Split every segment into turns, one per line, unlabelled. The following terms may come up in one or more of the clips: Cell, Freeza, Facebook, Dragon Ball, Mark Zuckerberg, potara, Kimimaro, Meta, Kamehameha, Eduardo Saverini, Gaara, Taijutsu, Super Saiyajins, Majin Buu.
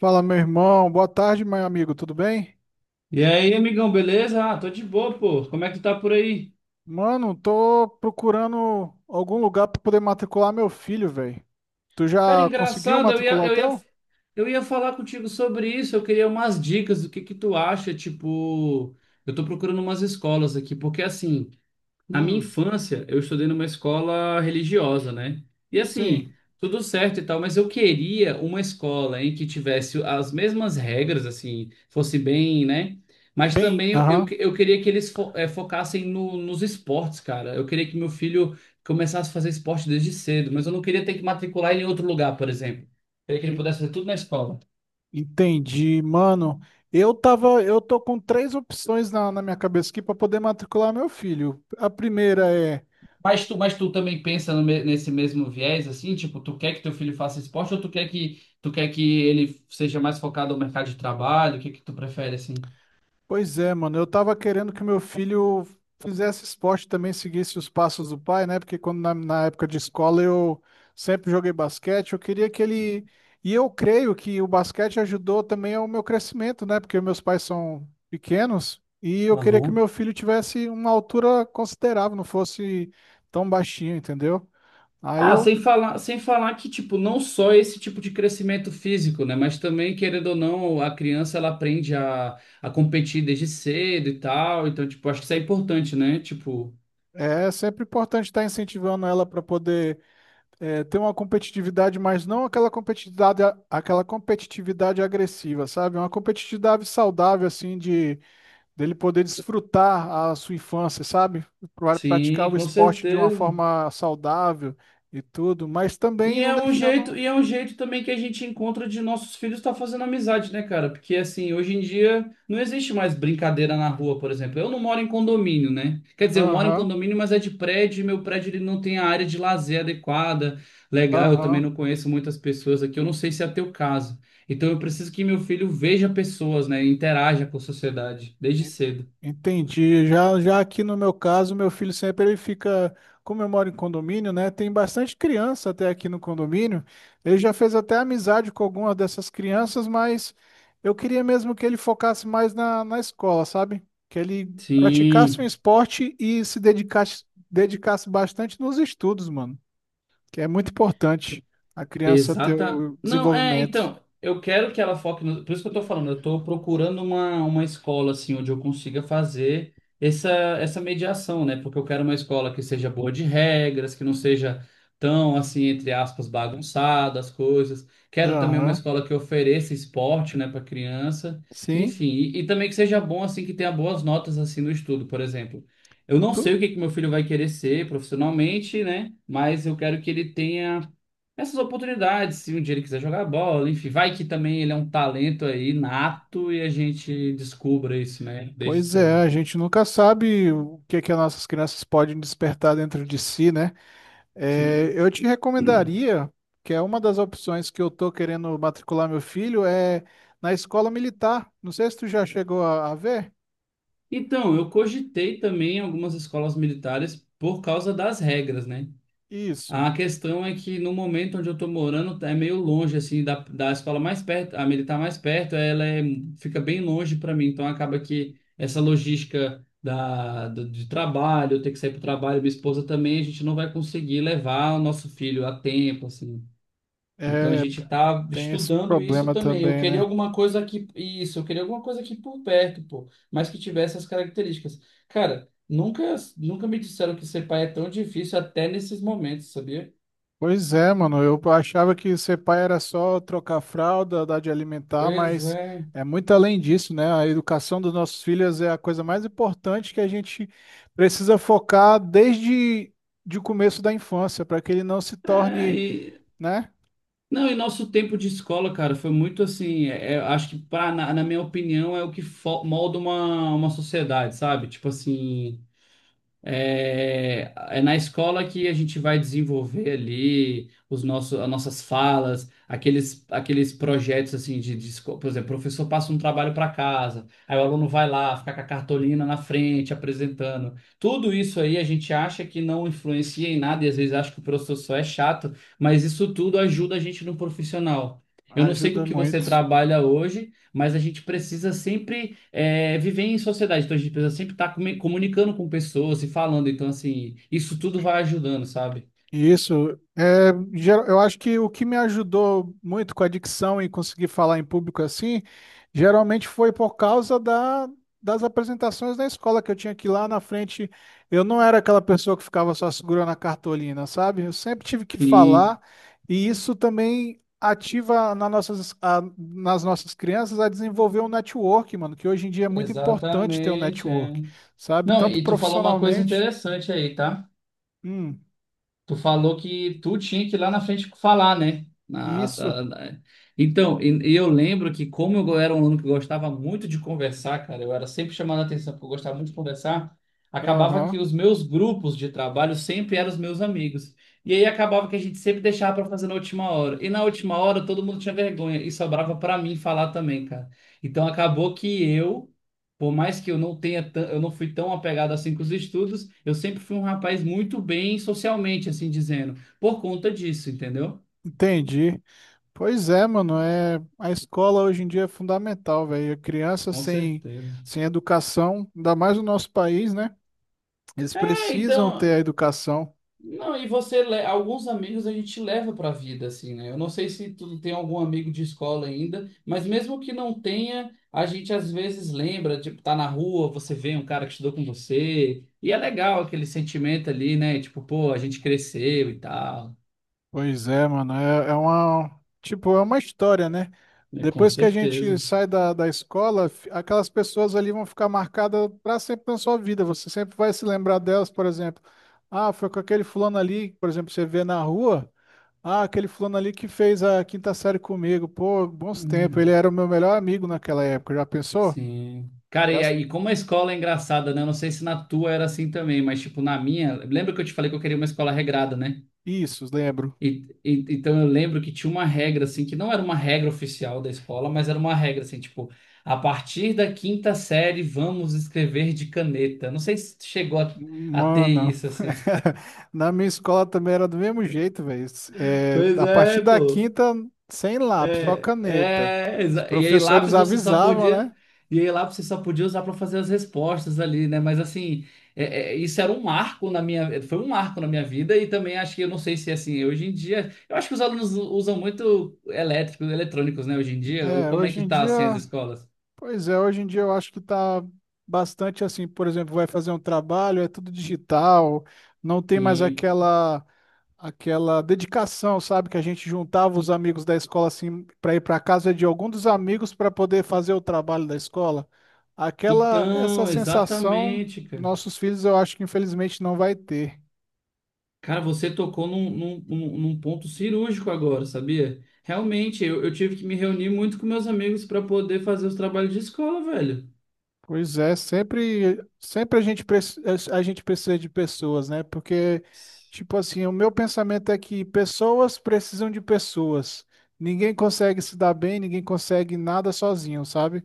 Fala, meu irmão. Boa tarde, meu amigo. Tudo bem?
E aí, amigão, beleza? Ah, tô de boa, pô. Como é que tá por aí?
Mano, tô procurando algum lugar pra poder matricular meu filho, velho. Tu
Cara,
já conseguiu
engraçado,
matricular o teu?
eu ia falar contigo sobre isso. Eu queria umas dicas do que tu acha, tipo, eu tô procurando umas escolas aqui, porque assim, na minha
Hum,
infância, eu estudei numa escola religiosa, né? E assim,
sim.
tudo certo e tal, mas eu queria uma escola em que tivesse as mesmas regras, assim, fosse bem, né? Mas
Bem,
também
aham.
eu queria que eles focassem nos esportes, cara. Eu queria que meu filho começasse a fazer esporte desde cedo, mas eu não queria ter que matricular ele em outro lugar, por exemplo. Eu queria que ele
E-
pudesse fazer tudo na escola.
Entendi, mano. Eu tô com três opções na minha cabeça aqui pra poder matricular meu filho. A primeira é.
Mas tu também pensa no me- nesse mesmo viés, assim, tipo, tu quer que teu filho faça esporte ou tu quer que ele seja mais focado no mercado de trabalho? O que que tu prefere, assim?
Pois é, mano. Eu tava querendo que meu filho fizesse esporte também, seguisse os passos do pai, né? Porque quando na época de escola eu sempre joguei basquete, eu queria que ele. E eu creio que o basquete ajudou também ao meu crescimento, né? Porque meus pais são pequenos e eu queria que
Aham.
meu filho tivesse uma altura considerável, não fosse tão baixinho, entendeu? Aí
Ah,
eu.
sem falar, sem falar que, tipo, não só esse tipo de crescimento físico, né? Mas também, querendo ou não, a criança, ela aprende a competir desde cedo e tal. Então, tipo, acho que isso é importante, né? Tipo,
É sempre importante estar incentivando ela para poder. É, ter uma competitividade, mas não aquela competitividade agressiva, sabe? É uma competitividade saudável, assim, de dele poder desfrutar a sua infância, sabe?
sim,
Praticar o
com
esporte de uma
certeza.
forma saudável e tudo, mas
E
também não
é um
deixando.
jeito, e é um jeito também que a gente encontra de nossos filhos estar fazendo amizade, né, cara? Porque assim, hoje em dia não existe mais brincadeira na rua, por exemplo. Eu não moro em condomínio, né? Quer dizer, eu moro em
Aham,
condomínio, mas é de prédio, e meu prédio ele não tem a área de lazer adequada. Legal, eu também
aham.
não conheço muitas pessoas aqui, eu não sei se é teu caso. Então eu preciso que meu filho veja pessoas, né? Interaja com a sociedade desde cedo.
Entendi. Já, já aqui no meu caso, meu filho sempre ele fica, como eu moro em condomínio, né? Tem bastante criança até aqui no condomínio. Ele já fez até amizade com algumas dessas crianças, mas eu queria mesmo que ele focasse mais na escola, sabe? Que ele praticasse um
Sim.
esporte e se dedicasse, bastante nos estudos, mano. Que é muito importante a criança ter
Exata.
o
Não,
desenvolvimento.
então, eu quero que ela foque no. Por isso que eu tô falando, eu tô procurando uma escola, assim, onde eu consiga fazer essa, essa mediação, né? Porque eu quero uma escola que seja boa de regras, que não seja tão, assim, entre aspas, bagunçada as coisas. Quero também uma
Aham.
escola que ofereça esporte, né, para criança.
Sim.
Enfim, e também que seja bom, assim, que tenha boas notas, assim, no estudo, por exemplo. Eu não sei o que que meu filho vai querer ser profissionalmente, né? Mas eu quero que ele tenha essas oportunidades, se um dia ele quiser jogar bola, enfim, vai que também ele é um talento aí nato e a gente descubra isso, né, desde
Pois
cedo.
é, a gente nunca sabe o que é que as nossas crianças podem despertar dentro de si, né? É,
Sim.
eu te recomendaria, que é uma das opções que eu tô querendo matricular meu filho, é na escola militar. Não sei se tu já chegou a ver.
Então, eu cogitei também algumas escolas militares por causa das regras, né?
Isso.
A questão é que no momento onde eu tô morando é meio longe assim da escola mais perto, a militar mais perto, fica bem longe para mim, então acaba que essa logística de trabalho, eu ter que sair para trabalho, minha esposa também, a gente não vai conseguir levar o nosso filho a tempo assim. Então a
É,
gente tá
tem esse
estudando isso
problema
também. Eu
também,
queria
né?
alguma coisa aqui, isso, eu queria alguma coisa aqui por perto, pô, mas que tivesse essas características. Cara, nunca me disseram que ser pai é tão difícil até nesses momentos, sabia?
Pois é, mano. Eu achava que ser pai era só trocar fralda, dar de alimentar,
Pois
mas
é.
é muito além disso, né? A educação dos nossos filhos é a coisa mais importante que a gente precisa focar desde de o começo da infância, para que ele não se
É,
torne, né?
não, e nosso tempo de escola, cara, foi muito assim. Acho que, na minha opinião, é o que molda uma sociedade, sabe? Tipo assim. É na escola que a gente vai desenvolver ali os nossos, as nossas falas, aqueles projetos assim, por exemplo, o professor passa um trabalho para casa, aí o aluno vai lá, fica com a cartolina na frente apresentando. Tudo isso aí a gente acha que não influencia em nada e às vezes acha que o professor só é chato, mas isso tudo ajuda a gente no profissional. Eu não sei com o
Ajuda
que você
muito.
trabalha hoje, mas a gente precisa sempre viver em sociedade. Então a gente precisa sempre estar comunicando com pessoas e falando. Então, assim, isso tudo vai ajudando, sabe?
Isso. Eu acho que o que me ajudou muito com a dicção e conseguir falar em público assim, geralmente foi por causa das apresentações da escola, que eu tinha que ir lá na frente. Eu não era aquela pessoa que ficava só segurando a cartolina, sabe? Eu sempre tive que falar,
Sim,
e isso também ativa nas nossas crianças a desenvolver um network, mano, que hoje em dia é muito importante ter um
exatamente. É.
network, sabe?
Não,
Tanto
e tu falou uma coisa
profissionalmente.
interessante aí, tá?
Hum,
Tu falou que tu tinha que ir lá na frente falar, né?
isso.
Então, eu lembro que como eu era um aluno que gostava muito de conversar, cara, eu era sempre chamado a atenção porque eu gostava muito de conversar, acabava que
Aham.
os meus grupos de trabalho sempre eram os meus amigos. E aí acabava que a gente sempre deixava para fazer na última hora. E na última hora todo mundo tinha vergonha e sobrava para mim falar também, cara. Então acabou que eu por mais que eu não fui tão apegado assim com os estudos, eu sempre fui um rapaz muito bem socialmente, assim dizendo, por conta disso, entendeu?
Entendi. Pois é, mano, é a escola hoje em dia é fundamental, velho. A criança
Com
sem
certeza.
sem educação, ainda mais no nosso país, né? Eles
É,
precisam
então,
ter a educação.
não, e você, alguns amigos a gente leva pra vida, assim, né? Eu não sei se tu tem algum amigo de escola ainda, mas mesmo que não tenha, a gente às vezes lembra, tipo, tá na rua, você vê um cara que estudou com você, e é legal aquele sentimento ali, né? Tipo, pô, a gente cresceu e tal,
Pois é, mano, é uma história, né?
né? Com
Depois que a gente
certeza.
sai da escola, aquelas pessoas ali vão ficar marcadas para sempre na sua vida. Você sempre vai se lembrar delas, por exemplo. Ah, foi com aquele fulano ali, por exemplo, você vê na rua. Ah, aquele fulano ali que fez a quinta série comigo. Pô, bons tempos. Ele
Hum.
era o meu melhor amigo naquela época. Já pensou?
Sim. Cara,
Já-
e aí, como a escola é engraçada, né? Eu não sei se na tua era assim também, mas tipo, na minha, lembra que eu te falei que eu queria uma escola regrada, né?
Isso, lembro.
Então eu lembro que tinha uma regra, assim, que não era uma regra oficial da escola, mas era uma regra, assim, tipo, a partir da quinta série vamos escrever de caneta. Não sei se chegou a ter
Mano,
isso, assim.
na minha escola também era do mesmo jeito, velho. É,
Pois
a partir
é,
da
pô.
quinta, sem lápis, só
É,
caneta.
é,
Os
exa- e aí
professores
lápis você só
avisavam,
podia,
né?
e aí lápis você só podia usar para fazer as respostas ali, né? Mas assim, isso era um marco na minha, foi um marco na minha vida e também acho que eu não sei se é assim, hoje em dia, eu acho que os alunos usam muito elétricos, eletrônicos, né, hoje em dia, ou
É,
como é
hoje
que
em
tá
dia,
assim as escolas?
pois é, hoje em dia eu acho que tá bastante assim. Por exemplo, vai fazer um trabalho, é tudo digital, não tem mais
Sim.
aquela. Dedicação, sabe? Que a gente juntava os amigos da escola assim para ir para casa de algum dos amigos para poder fazer o trabalho da escola. Aquela essa
Então,
sensação,
exatamente, cara.
nossos filhos eu acho que infelizmente não vai ter.
Cara, você tocou num ponto cirúrgico agora, sabia? Realmente, eu tive que me reunir muito com meus amigos para poder fazer os trabalhos de escola, velho.
Pois é, sempre, sempre a gente precisa de pessoas, né? Porque, tipo assim, o meu pensamento é que pessoas precisam de pessoas. Ninguém consegue se dar bem, ninguém consegue nada sozinho, sabe?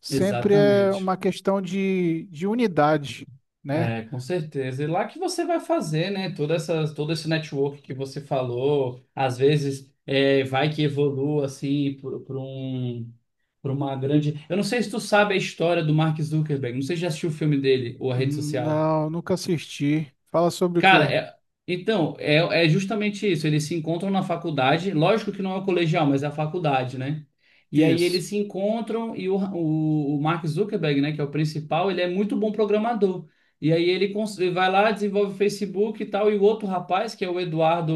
Sempre é
Exatamente.
uma questão de unidade, né?
É, com certeza. E lá que você vai fazer, né? Toda essa, todo esse network que você falou, às vezes vai que evolua assim para um, para uma grande. Eu não sei se tu sabe a história do Mark Zuckerberg, não sei se já assistiu o filme dele ou a rede social.
Não, nunca assisti. Fala sobre o
Cara,
quê?
então, é justamente isso. Eles se encontram na faculdade, lógico que não é o colegial, mas é a faculdade, né? E aí
Isso.
eles se encontram e o Mark Zuckerberg, né, que é o principal, ele é muito bom programador. E aí ele vai lá, desenvolve o Facebook e tal, e o outro rapaz, que é o Eduardo,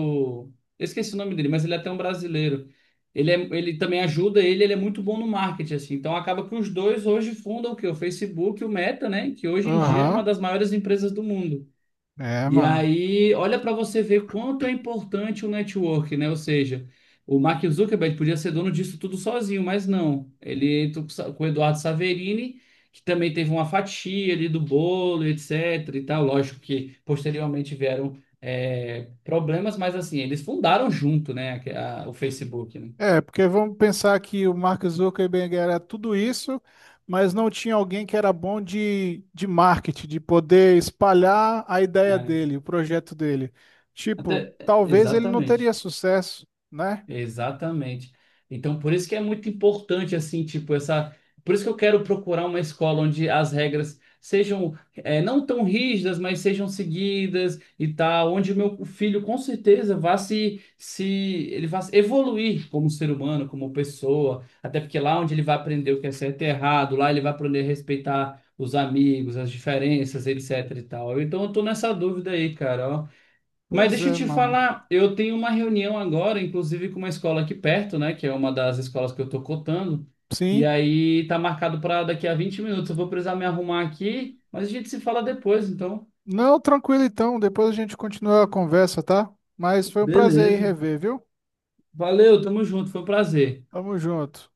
eu esqueci o nome dele, mas ele é até um brasileiro. Ele também ajuda ele, ele é muito bom no marketing, assim. Então acaba que os dois hoje fundam o quê? O Facebook, e o Meta, né? Que hoje em dia é uma
Aham.
das maiores empresas do mundo.
É,
E
mano.
aí, olha para você ver quanto é importante o network, né? Ou seja, o Mark Zuckerberg podia ser dono disso tudo sozinho, mas não. Ele entrou com o Eduardo Saverini, que também teve uma fatia ali do bolo, etc. e tal. Lógico que posteriormente vieram problemas, mas assim, eles fundaram junto, né? O Facebook, né?
É, porque vamos pensar que o Mark Zuckerberg era tudo isso, mas não tinha alguém que era bom de marketing, de poder espalhar a ideia
É.
dele, o projeto dele. Tipo,
Até,
talvez ele não teria
exatamente.
sucesso, né?
Exatamente. Então, por isso que é muito importante, assim, tipo, essa. Por isso que eu quero procurar uma escola onde as regras sejam, não tão rígidas, mas sejam seguidas e tal, onde o meu filho com certeza vá se ele vá evoluir como ser humano, como pessoa, até porque lá onde ele vai aprender o que é certo e errado, lá ele vai aprender a respeitar os amigos, as diferenças, etc e tal. Então, eu tô nessa dúvida aí, cara, ó. Mas
Pois
deixa eu
é,
te
mano.
falar, eu tenho uma reunião agora, inclusive com uma escola aqui perto, né, que é uma das escolas que eu tô cotando, e
Sim.
aí tá marcado para daqui a 20 minutos. Eu vou precisar me arrumar aqui, mas a gente se fala depois, então.
Não, tranquilo então, depois a gente continua a conversa, tá? Mas foi um prazer aí
Beleza.
rever, viu?
Valeu, tamo junto, foi um prazer.
Tamo junto.